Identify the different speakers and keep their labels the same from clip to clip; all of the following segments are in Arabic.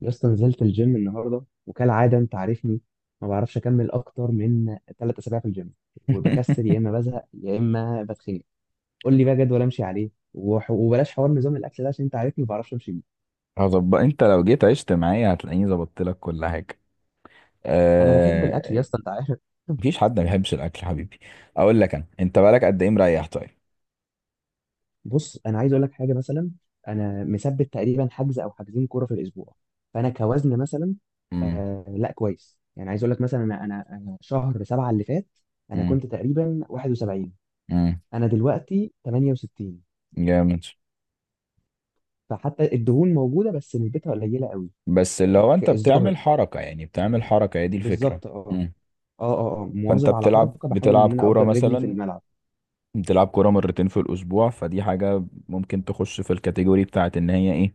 Speaker 1: يا اسطى، نزلت الجيم النهارده وكالعاده انت عارفني، ما بعرفش اكمل اكتر من ثلاث اسابيع في الجيم وبكسل، يا اما بزهق يا اما بتخنق. قول لي بقى جدول امشي عليه، وبلاش حوار نظام الاكل ده عشان انت عارفني ما بعرفش امشي بيه.
Speaker 2: هظبط. انت لو جيت عشت معايا هتلاقيني ظبطت لك كل حاجه.
Speaker 1: انا بحب الاكل يا
Speaker 2: آه...
Speaker 1: اسطى، انت عارف.
Speaker 2: مفيش حد ما بيحبش الاكل يا حبيبي. اقول لك انا، انت بقالك قد ايه مريح؟ طيب.
Speaker 1: بص، انا عايز اقول لك حاجه مثلا. انا مثبت تقريبا حجز او حجزين كوره في الاسبوع، فانا كوزن مثلا.
Speaker 2: امم.
Speaker 1: آه لا، كويس. يعني عايز اقول لك مثلا، انا انا أنا شهر سبعه اللي فات انا
Speaker 2: امم.
Speaker 1: كنت تقريبا 71،
Speaker 2: امم.
Speaker 1: انا دلوقتي 68،
Speaker 2: جامد.
Speaker 1: فحتى الدهون موجوده بس نسبتها قليله قوي.
Speaker 2: بس اللي هو انت
Speaker 1: الظاهر.
Speaker 2: بتعمل حركه، يعني بتعمل حركه، هي دي الفكره.
Speaker 1: بالظبط، اه.
Speaker 2: امم.
Speaker 1: اه
Speaker 2: فانت
Speaker 1: مواظب على
Speaker 2: بتلعب
Speaker 1: حركه، بحاول
Speaker 2: بتلعب
Speaker 1: ان انا
Speaker 2: كوره
Speaker 1: افضل رجلي في
Speaker 2: مثلا،
Speaker 1: الملعب.
Speaker 2: بتلعب كوره مرتين في الاسبوع، فدي حاجه ممكن تخش في الكاتيجوري بتاعت ان هي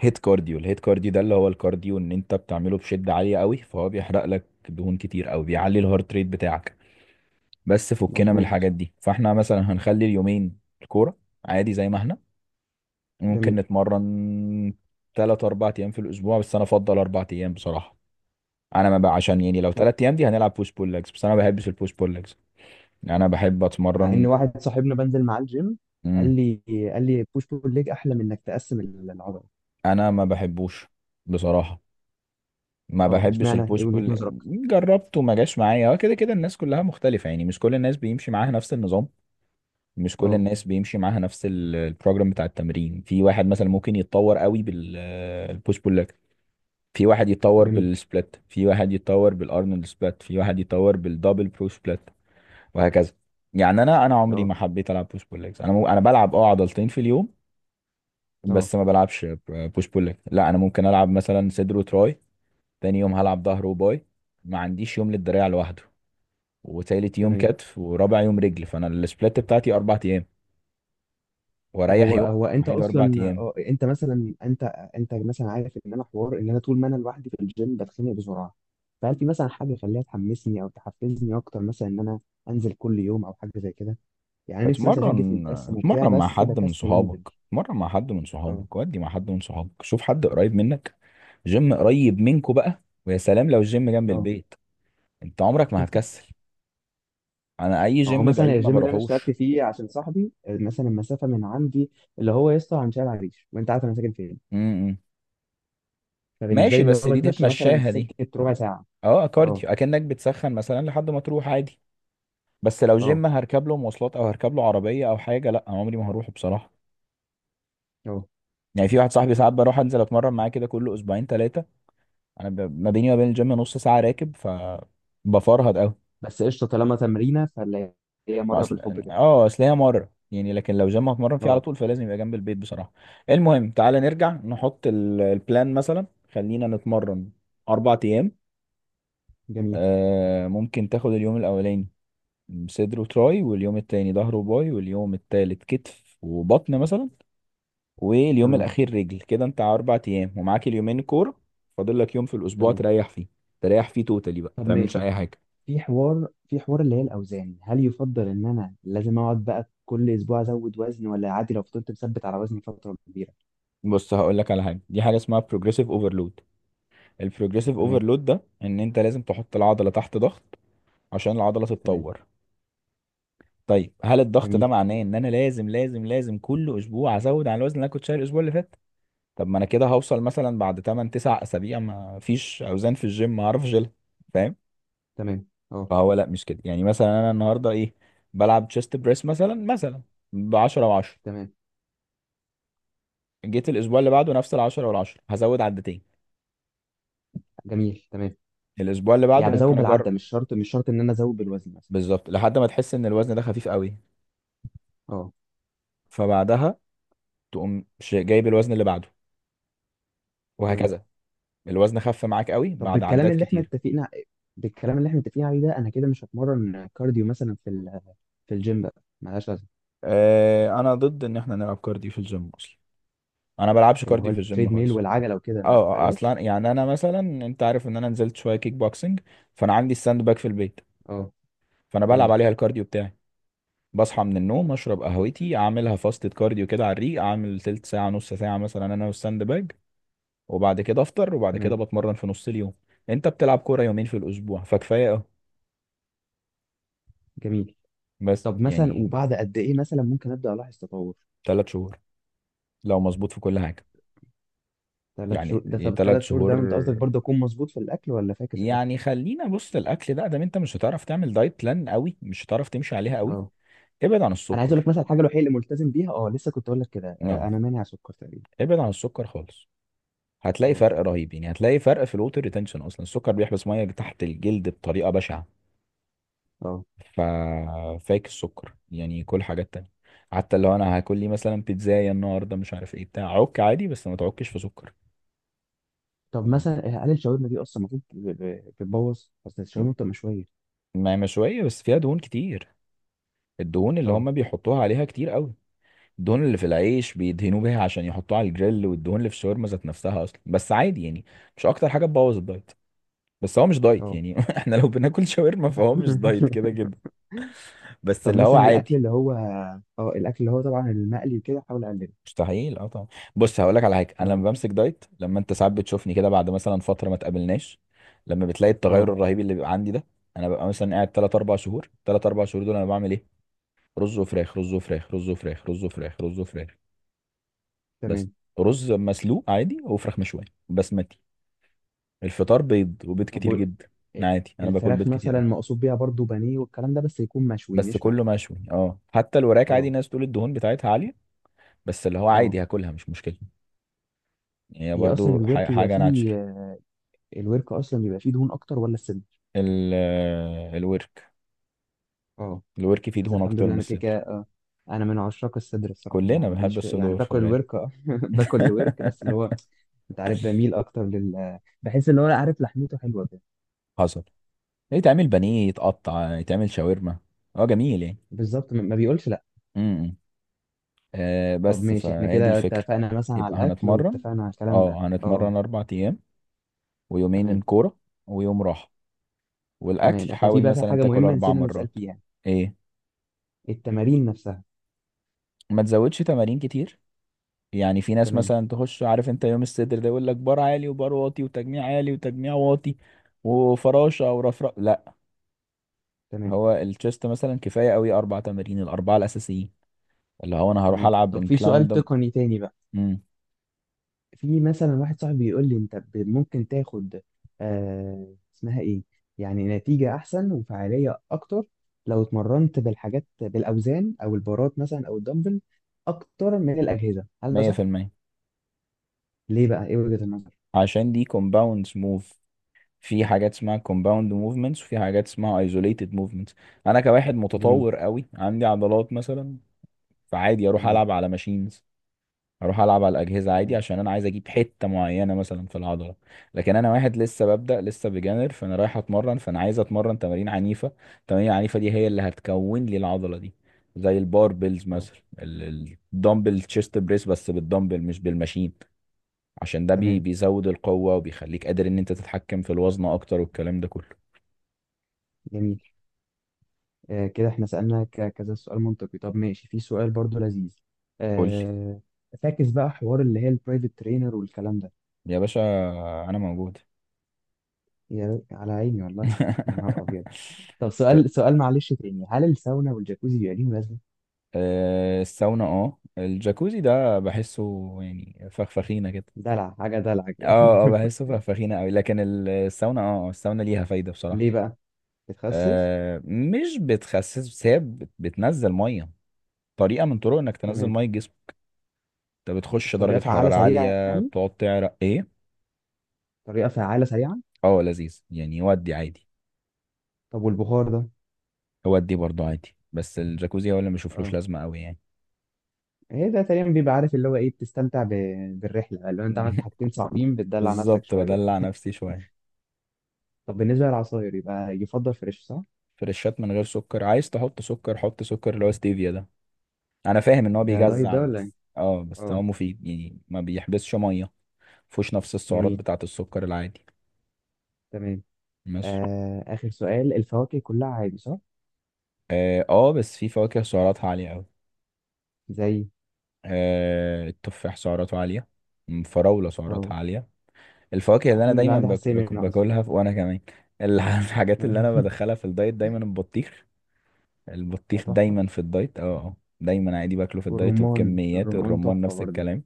Speaker 2: هيت كارديو الهيت كارديو ده اللي هو الكارديو ان انت بتعمله بشدة عالية قوي، فهو بيحرق لك دهون كتير او بيعلي الهارت ريت بتاعك. بس فكنا من
Speaker 1: مظبوط.
Speaker 2: الحاجات دي. فاحنا مثلا هنخلي اليومين الكورة عادي زي ما احنا، ممكن
Speaker 1: جميل.
Speaker 2: نتمرن تلات اربع ايام في الاسبوع. بس انا افضل اربع ايام بصراحة. انا ما بقى عشان، يعني لو
Speaker 1: طب،
Speaker 2: تلات ايام دي هنلعب بوش بول ليجز، بس انا ما بحبش البوش بول ليجز. يعني انا بحب
Speaker 1: مع ان
Speaker 2: اتمرن.
Speaker 1: واحد صاحبنا بنزل معاه الجيم
Speaker 2: مم.
Speaker 1: قال لي قال لي بوش بول ليج احلى من انك تقسم العضله.
Speaker 2: انا ما بحبوش بصراحة، ما
Speaker 1: اه،
Speaker 2: بحبش
Speaker 1: اشمعنى؟ ايه
Speaker 2: البوش
Speaker 1: وجهه
Speaker 2: بول.
Speaker 1: نظرك؟
Speaker 2: جربته ما جاش معايا. هو كده كده الناس كلها مختلفة، يعني مش كل الناس بيمشي معاها نفس النظام. مش كل
Speaker 1: اه.
Speaker 2: الناس بيمشي معاها نفس البروجرام بتاع التمرين. في واحد مثلا ممكن يتطور قوي بالبوش بول لك. في واحد يتطور
Speaker 1: جميل.
Speaker 2: بالسبلت، في واحد يتطور بالارنولد سبلت، في واحد يتطور بالدبل برو سبلت، وهكذا. يعني انا عمري
Speaker 1: اه.
Speaker 2: ما حبيت العب بوش بول ليجز. انا بلعب عضلتين في اليوم،
Speaker 1: اه.
Speaker 2: بس ما بلعبش بوش بول ليج. لا، انا ممكن العب مثلا صدر وتراي. تاني يوم هلعب ظهر وباي. ما عنديش يوم للدراع لوحده. وتالت يوم
Speaker 1: تمام.
Speaker 2: كتف، ورابع يوم رجل. فانا السبلات بتاعتي اربع ايام
Speaker 1: طب،
Speaker 2: واريح
Speaker 1: هو
Speaker 2: يوم
Speaker 1: هو انت
Speaker 2: وحيد، اربع
Speaker 1: اصلا
Speaker 2: ايام.
Speaker 1: انت مثلا، انت، انت مثلا عارف ان انا حوار ان انا طول ما انا لوحدي في الجيم بتخنق بسرعه. فهل في مثلا حاجه خليها تحمسني او تحفزني اكتر مثلا، ان انا انزل كل يوم او حاجه زي كده؟ يعني أنا نفسي مثلا اشوف جسمي
Speaker 2: اتمرن،
Speaker 1: متقسم وبتاع،
Speaker 2: اتمرن مع
Speaker 1: بس
Speaker 2: حد من
Speaker 1: بكسل
Speaker 2: صحابك.
Speaker 1: انزل.
Speaker 2: اتمرن مع حد من
Speaker 1: اه.
Speaker 2: صحابك، ودي مع حد من صحابك. شوف حد قريب منك، جيم قريب منكو بقى. ويا سلام لو الجيم جنب
Speaker 1: اه.
Speaker 2: البيت، انت عمرك ما هتكسل. انا اي
Speaker 1: هو
Speaker 2: جيم
Speaker 1: مثلا
Speaker 2: بعيد ما
Speaker 1: الجيم اللي انا اشتركت
Speaker 2: بروحوش.
Speaker 1: فيه عشان صاحبي، مثلا المسافه من عندي اللي هو يسطا عن شارع العريش، وانت عارف انا ساكن فين،
Speaker 2: امم.
Speaker 1: فبالنسبه
Speaker 2: ماشي،
Speaker 1: لي اللي هو
Speaker 2: بس دي
Speaker 1: بتمشى مثلا
Speaker 2: تتمشاها دي.
Speaker 1: سكه ربع ساعه.
Speaker 2: اه
Speaker 1: اه.
Speaker 2: كارديو، اكنك بتسخن مثلا لحد ما تروح عادي. بس لو
Speaker 1: اه.
Speaker 2: جيم هركب له مواصلات او هركب له عربيه او حاجه، لا عمري ما هروحه بصراحه.
Speaker 1: اه.
Speaker 2: يعني في واحد صاحبي، ساعات بروح انزل اتمرن معاه كده كل اسبوعين ثلاثه. ما بيني وما بين الجيم نص ساعه راكب، ف بفرهد قوي.
Speaker 1: بس قشطه، طالما تمرينه فاللي هي
Speaker 2: ما
Speaker 1: مره
Speaker 2: اصل،
Speaker 1: بالحب كده.
Speaker 2: هي مره يعني. لكن لو جيم هتمرن فيه على
Speaker 1: اه.
Speaker 2: طول، فلازم يبقى جنب البيت بصراحه. المهم تعالى نرجع نحط البلان مثلا. خلينا نتمرن اربع ايام.
Speaker 1: جميل.
Speaker 2: ممكن تاخد اليوم الاولاني صدر وتراي، واليوم التاني ظهر وباي، واليوم التالت كتف وبطن مثلا، واليوم
Speaker 1: تمام.
Speaker 2: الاخير رجل. كده انت على اربع ايام، ومعاك اليومين كور. فاضل لك يوم في الاسبوع
Speaker 1: تمام.
Speaker 2: تريح فيه، تريح فيه توتالي بقى، ما
Speaker 1: طب
Speaker 2: تعملش
Speaker 1: ماشي.
Speaker 2: اي حاجه.
Speaker 1: في حوار اللي هي الاوزان، هل يفضل ان انا لازم اقعد بقى كل اسبوع ازود وزن، ولا عادي لو فضلت مثبت على وزني فتره كبيره؟
Speaker 2: بص هقول لك على حاجه. دي حاجه اسمها بروجريسيف اوفرلود. البروجريسيف
Speaker 1: تمام.
Speaker 2: اوفرلود ده، ان انت لازم تحط العضله تحت ضغط عشان العضله
Speaker 1: تمام.
Speaker 2: تتطور. طيب هل الضغط ده
Speaker 1: جميل.
Speaker 2: معناه ان انا لازم لازم لازم كل اسبوع ازود على الوزن اللي انا كنت شايل الاسبوع اللي فات؟ طب ما انا كده هوصل مثلا بعد 8 9 اسابيع ما فيش اوزان في الجيم ما اعرفش اشيلها. فاهم؟
Speaker 1: تمام. اه.
Speaker 2: فهو لا، مش كده. يعني مثلا انا النهارده ايه، بلعب تشيست بريس مثلا ب 10 و10.
Speaker 1: تمام.
Speaker 2: جيت الاسبوع اللي بعده نفس ال 10 وال 10 هزود عدتين.
Speaker 1: جميل. تمام.
Speaker 2: الاسبوع اللي بعده
Speaker 1: يعني بزود
Speaker 2: ممكن
Speaker 1: بالعده،
Speaker 2: اجرب.
Speaker 1: مش شرط مش شرط ان انا ازود بالوزن مثلا.
Speaker 2: بالظبط، لحد ما تحس ان الوزن ده خفيف قوي،
Speaker 1: اه،
Speaker 2: فبعدها تقوم جايب الوزن اللي بعده،
Speaker 1: تمام.
Speaker 2: وهكذا. الوزن خف معاك قوي
Speaker 1: طب،
Speaker 2: بعد عدات كتير.
Speaker 1: بالكلام اللي احنا متفقين عليه ده، انا كده مش هتمرن كارديو مثلا في الجيم بقى، ملهاش لازمه.
Speaker 2: انا ضد ان احنا نلعب كارديو في الجيم اصلا. انا بلعبش
Speaker 1: اللي هو
Speaker 2: كارديو في الجيم
Speaker 1: التريد ميل
Speaker 2: خالص.
Speaker 1: والعجله وكده،
Speaker 2: اه.
Speaker 1: ما
Speaker 2: آه،
Speaker 1: بلاش.
Speaker 2: اصلا يعني انا مثلا، انت عارف ان انا نزلت شويه كيك بوكسنج، فانا عندي الساند باك في البيت،
Speaker 1: اه.
Speaker 2: فانا بلعب
Speaker 1: تمام.
Speaker 2: عليها الكارديو بتاعي. بصحى من النوم، اشرب قهوتي، اعملها فاستة كارديو كده على الريق. اعمل تلت ساعة نص ساعة مثلا، انا والساند باج. وبعد كده افطر، وبعد كده
Speaker 1: تمام.
Speaker 2: بتمرن في نص اليوم. انت بتلعب كورة يومين في الاسبوع، فكفاية اهو.
Speaker 1: جميل.
Speaker 2: بس
Speaker 1: طب مثلا،
Speaker 2: يعني
Speaker 1: وبعد قد ايه مثلا ممكن ابدا الاحظ تطور؟
Speaker 2: ثلاث شهور، لو مظبوط في كل حاجة.
Speaker 1: ثلاث
Speaker 2: يعني
Speaker 1: شهور ده، طب
Speaker 2: ثلاث
Speaker 1: ثلاث شهور ده
Speaker 2: شهور.
Speaker 1: انت قصدك برضه اكون مظبوط في الاكل، ولا فاكس الاكل؟
Speaker 2: يعني خلينا. بص، الاكل ده انت مش هتعرف تعمل دايت بلان قوي، مش هتعرف تمشي عليها قوي.
Speaker 1: اه،
Speaker 2: ابعد عن
Speaker 1: انا عايز اقول لك
Speaker 2: السكر.
Speaker 1: مثلا الحاجه الوحيده اللي ملتزم بيها، اه لسه كنت اقول لك كده،
Speaker 2: No.
Speaker 1: انا مانع سكر تقريبا.
Speaker 2: ابعد عن السكر خالص. هتلاقي
Speaker 1: اه.
Speaker 2: فرق رهيب، يعني هتلاقي فرق في الوتر ريتنشن. اصلا السكر بيحبس ميه تحت الجلد بطريقه بشعه.
Speaker 1: اه.
Speaker 2: ففاك السكر. يعني كل حاجات تانية، حتى لو انا هاكل لي مثلا بيتزاية النهارده مش عارف ايه بتاع، عك عادي بس ما تعكش في سكر.
Speaker 1: طب مثلا، هل الشاورما دي اصلا المفروض بتبوظ؟ اصل الشاورما بتبقى مشويه.
Speaker 2: ما مشوية، بس فيها دهون كتير. الدهون اللي
Speaker 1: اه.
Speaker 2: هم بيحطوها عليها كتير قوي. الدهون اللي في العيش بيدهنوا بيها عشان يحطوها على الجريل، والدهون اللي في الشاورما ذات نفسها اصلا. بس عادي يعني، مش اكتر حاجة تبوظ الدايت. بس هو مش دايت
Speaker 1: اه.
Speaker 2: يعني. احنا لو بناكل شاورما فهو مش دايت كده كده. بس
Speaker 1: طب
Speaker 2: اللي هو
Speaker 1: مثلا الاكل
Speaker 2: عادي.
Speaker 1: اللي هو، اه الاكل اللي هو طبعا المقلي وكده، احاول اقلله.
Speaker 2: مستحيل، اه طبعا. بص هقول لك على حاجه. انا
Speaker 1: اه.
Speaker 2: لما بمسك دايت، لما انت ساعات بتشوفني كده بعد مثلا فتره ما تقابلناش، لما بتلاقي التغير
Speaker 1: اه.
Speaker 2: الرهيب اللي بيبقى عندي ده، انا ببقى مثلا قاعد 3 4 شهور. 3 4 شهور دول انا بعمل ايه؟ رز وفراخ، رز وفراخ، رز وفراخ، رز وفراخ، رز وفراخ. بس.
Speaker 1: تمام.
Speaker 2: رز مسلوق عادي وفراخ مشويه بسمتي. الفطار بيض، وبيض
Speaker 1: طب،
Speaker 2: كتير جدا. أنا عادي، انا باكل
Speaker 1: الفراخ
Speaker 2: بيض كتير
Speaker 1: مثلا
Speaker 2: قوي.
Speaker 1: مقصود بيها برضو بانيه والكلام ده، بس يكون مشوي
Speaker 2: بس
Speaker 1: مش مقلي.
Speaker 2: كله مشوي. اه، حتى الوراك عادي.
Speaker 1: اه.
Speaker 2: ناس تقول الدهون بتاعتها عاليه، بس اللي هو
Speaker 1: اه.
Speaker 2: عادي هاكلها مش مشكله. هي
Speaker 1: هي اصلا
Speaker 2: برضو
Speaker 1: الورك بيبقى
Speaker 2: حاجه
Speaker 1: فيه،
Speaker 2: ناتشر.
Speaker 1: الورك اصلا بيبقى فيه دهون اكتر ولا الصدر؟
Speaker 2: ال آه، الورك.
Speaker 1: اه.
Speaker 2: الورك فيه
Speaker 1: بس
Speaker 2: دهون
Speaker 1: الحمد
Speaker 2: اكتر
Speaker 1: لله
Speaker 2: من
Speaker 1: انا كده كده.
Speaker 2: الصدر.
Speaker 1: انا من عشاق الصدر الصراحه،
Speaker 2: كلنا
Speaker 1: ما ماليش
Speaker 2: بنحب
Speaker 1: يعني
Speaker 2: الصدور في
Speaker 1: باكل
Speaker 2: الغالب.
Speaker 1: الورك، اه باكل الورك، بس اللي هو انت عارف بميل اكتر لل، بحس اللي هو لا، عارف لحمته حلوه كده.
Speaker 2: حصل. يتعمل بانيه، يتقطع، يتعمل شاورما. اه جميل يعني.
Speaker 1: بالظبط، ما بيقولش لا.
Speaker 2: امم. إمم.
Speaker 1: طب
Speaker 2: بس
Speaker 1: ماشي، احنا
Speaker 2: فهي دي
Speaker 1: كده
Speaker 2: الفكرة.
Speaker 1: اتفقنا مثلا على
Speaker 2: يبقى
Speaker 1: الاكل
Speaker 2: هنتمرن.
Speaker 1: واتفقنا على الكلام ده،
Speaker 2: اه،
Speaker 1: اه.
Speaker 2: هنتمرن اربع ايام، ويومين
Speaker 1: تمام.
Speaker 2: كورة، ويوم راحة.
Speaker 1: تمام.
Speaker 2: والاكل
Speaker 1: احنا في
Speaker 2: حاول
Speaker 1: بقى، في
Speaker 2: مثلا
Speaker 1: حاجه
Speaker 2: تاكل
Speaker 1: مهمه
Speaker 2: اربع
Speaker 1: نسينا نسال
Speaker 2: مرات.
Speaker 1: فيها:
Speaker 2: ايه؟
Speaker 1: التمارين نفسها.
Speaker 2: ما تزودش تمارين كتير. يعني في ناس
Speaker 1: تمام.
Speaker 2: مثلا تخش، عارف انت يوم الصدر ده يقول لك بار عالي، وبار واطي، وتجميع عالي، وتجميع واطي، وفراشه او رفرف. لا.
Speaker 1: تمام.
Speaker 2: هو التشيست مثلا كفايه قوي اربع تمارين، الاربعه الاساسيين. اللي هو انا هروح
Speaker 1: تمام.
Speaker 2: العب
Speaker 1: طب في
Speaker 2: انكلاين
Speaker 1: سؤال
Speaker 2: ده.
Speaker 1: تقني تاني بقى.
Speaker 2: امم.
Speaker 1: في مثلا واحد صاحبي بيقول لي انت ممكن تاخد، آه اسمها ايه، يعني نتيجة احسن وفعالية اكتر لو اتمرنت بالحاجات، بالاوزان او البارات مثلا او الدمبل، اكتر من الاجهزة. هل ده صح؟
Speaker 2: 100%.
Speaker 1: ليه بقى؟ ايه وجهة النظر؟
Speaker 2: عشان دي كومباوند موف. في حاجات اسمها كومباوند موفمنتس، وفي حاجات اسمها ايزوليتد موفمنتس. انا كواحد
Speaker 1: جميل.
Speaker 2: متطور قوي، عندي عضلات مثلا، فعادي اروح
Speaker 1: تمام.
Speaker 2: العب على ماشينز، اروح العب على الاجهزه عادي،
Speaker 1: تمام.
Speaker 2: عشان انا عايز اجيب حته معينه مثلا في العضله. لكن انا واحد لسه ببدا، لسه بجانر، فانا رايح اتمرن، فانا عايز اتمرن تمارين عنيفه. التمارين العنيفه دي هي اللي هتكون لي العضله دي. زي الباربلز
Speaker 1: اه.
Speaker 2: مثلا، الدمبل تشيست بريس بس بالدمبل مش بالماشين. عشان ده
Speaker 1: تمام.
Speaker 2: بيزود القوه وبيخليك قادر ان انت تتحكم في الوزن اكتر، والكلام ده كله.
Speaker 1: جميل. كده احنا سألنا كذا سؤال منطقي. طب ماشي، في سؤال برضو لذيذ.
Speaker 2: قول لي.
Speaker 1: آه، فاكس بقى حوار اللي هي البرايفت ترينر والكلام ده.
Speaker 2: يا باشا انا موجود.
Speaker 1: يا على عيني والله. يا نهار ابيض. طب سؤال معلش تاني: هل الساونا والجاكوزي بيبقى ليهم لازمه؟
Speaker 2: الساونا. اه الجاكوزي ده بحسه يعني فخفخينة كده.
Speaker 1: دلع، حاجه دلع كده.
Speaker 2: اه. اه بحسه فخفخينة قوي، لكن الساونا، الساونا ليها فايدة بصراحة.
Speaker 1: ليه بقى؟ بتخسس؟
Speaker 2: مش بتخسس، بس هي بتنزل مية. طريقة من طرق انك تنزل
Speaker 1: تمام.
Speaker 2: مية الجسم. انت بتخش
Speaker 1: الطريقه
Speaker 2: درجة
Speaker 1: فعاله
Speaker 2: حرارة
Speaker 1: سريعه
Speaker 2: عالية،
Speaker 1: يعني؟
Speaker 2: بتقعد تعرق ايه.
Speaker 1: طريقه فعاله سريعه.
Speaker 2: اه لذيذ يعني، يودي عادي.
Speaker 1: طب والبخار ده؟
Speaker 2: يودي برضه عادي، بس الجاكوزي هو اللي ما بشوفلوش
Speaker 1: اه.
Speaker 2: لازمة قوي يعني.
Speaker 1: ايه ده؟ تقريبا بيبقى عارف اللي هو ايه، بتستمتع بالرحله، اللي هو انت عملت حاجتين صعبين، بتدلع نفسك
Speaker 2: بالظبط،
Speaker 1: شويه.
Speaker 2: بدلع نفسي شوية.
Speaker 1: طب بالنسبة للعصاير، يبقى يفضل فريش، صح؟
Speaker 2: فريشات من غير سكر. عايز تحط سكر، حط سكر اللي هو ستيفيا ده. انا فاهم ان هو
Speaker 1: ده دايت
Speaker 2: بيجزع،
Speaker 1: ده ولا ايه؟
Speaker 2: بس
Speaker 1: اه.
Speaker 2: هو مفيد يعني، ما بيحبسش ميه. مفهوش نفس السعرات
Speaker 1: جميل.
Speaker 2: بتاعه السكر العادي.
Speaker 1: تمام.
Speaker 2: ماشي.
Speaker 1: آه، آخر سؤال: الفواكه كلها عادي، صح؟
Speaker 2: بس في فواكه سعراتها عاليه قوي.
Speaker 1: زي؟
Speaker 2: التفاح سعراته عاليه. الفراوله سعراتها
Speaker 1: اه.
Speaker 2: عاليه. الفواكه اللي انا
Speaker 1: الحمد لله
Speaker 2: دايما
Speaker 1: عندي حساسية منها أصلا.
Speaker 2: باكلها، وانا كمان الحاجات اللي انا بدخلها في الدايت دايما البطيخ.
Speaker 1: ده
Speaker 2: البطيخ
Speaker 1: تحفة.
Speaker 2: دايما في الدايت. دايما عادي باكله في الدايت
Speaker 1: والرمان،
Speaker 2: وبكميات.
Speaker 1: الرمان
Speaker 2: الرمان
Speaker 1: تحفة
Speaker 2: نفس
Speaker 1: برضه.
Speaker 2: الكلام.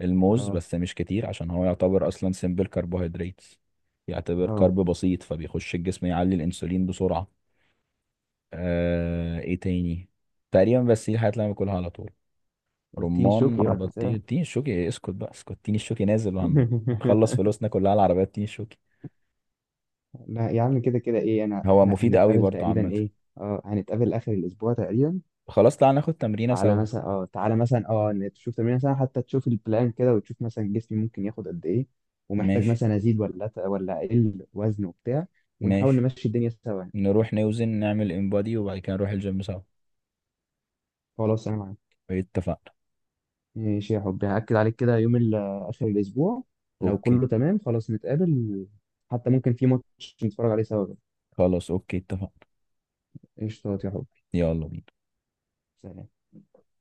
Speaker 2: الموز
Speaker 1: اه.
Speaker 2: بس مش كتير، عشان هو يعتبر اصلا سيمبل كربوهيدرات، يعتبر
Speaker 1: اه.
Speaker 2: كرب بسيط، فبيخش الجسم يعلي الانسولين بسرعة. ايه تاني. تقريبا بس دي الحاجات اللي انا باكلها على طول.
Speaker 1: والتين شوكي بقى
Speaker 2: رمان،
Speaker 1: تنساه.
Speaker 2: بطيخ، تين الشوكي. اسكت بقى، اسكت. تين الشوكي نازل. وهنخلص فلوسنا كلها على العربيات تين الشوكي.
Speaker 1: لا يا عم، كده كده ايه،
Speaker 2: هو
Speaker 1: احنا
Speaker 2: مفيد قوي
Speaker 1: هنتقابل
Speaker 2: برضو
Speaker 1: تقريبا،
Speaker 2: عامة.
Speaker 1: ايه، اه، هنتقابل آخر الأسبوع تقريبا.
Speaker 2: خلاص، تعالى ناخد تمرينة
Speaker 1: تعالى
Speaker 2: سوا.
Speaker 1: مثلا، تعالى مثلا، إن تشوف تمرين مثلا، حتى تشوف البلان كده، وتشوف مثلا جسمي ممكن ياخد قد ايه، ومحتاج
Speaker 2: ماشي.
Speaker 1: مثلا ازيد ولا ولا اقل وزن وبتاع. ونحاول
Speaker 2: ماشي.
Speaker 1: نمشي الدنيا سوا.
Speaker 2: نروح نوزن، نعمل انبادي، وبعد كده نروح الجيم سوا.
Speaker 1: خلاص، انا معاك.
Speaker 2: اتفقنا.
Speaker 1: ماشي يا حبي، هاكد عليك كده يوم اخر الاسبوع، لو
Speaker 2: اوكي.
Speaker 1: كله تمام خلاص نتقابل. حتى ممكن في ماتش نتفرج عليه سوا بقى.
Speaker 2: خلاص، اوكي، اتفقنا.
Speaker 1: قشطات يا حبي.
Speaker 2: يلا بينا.
Speaker 1: سلام.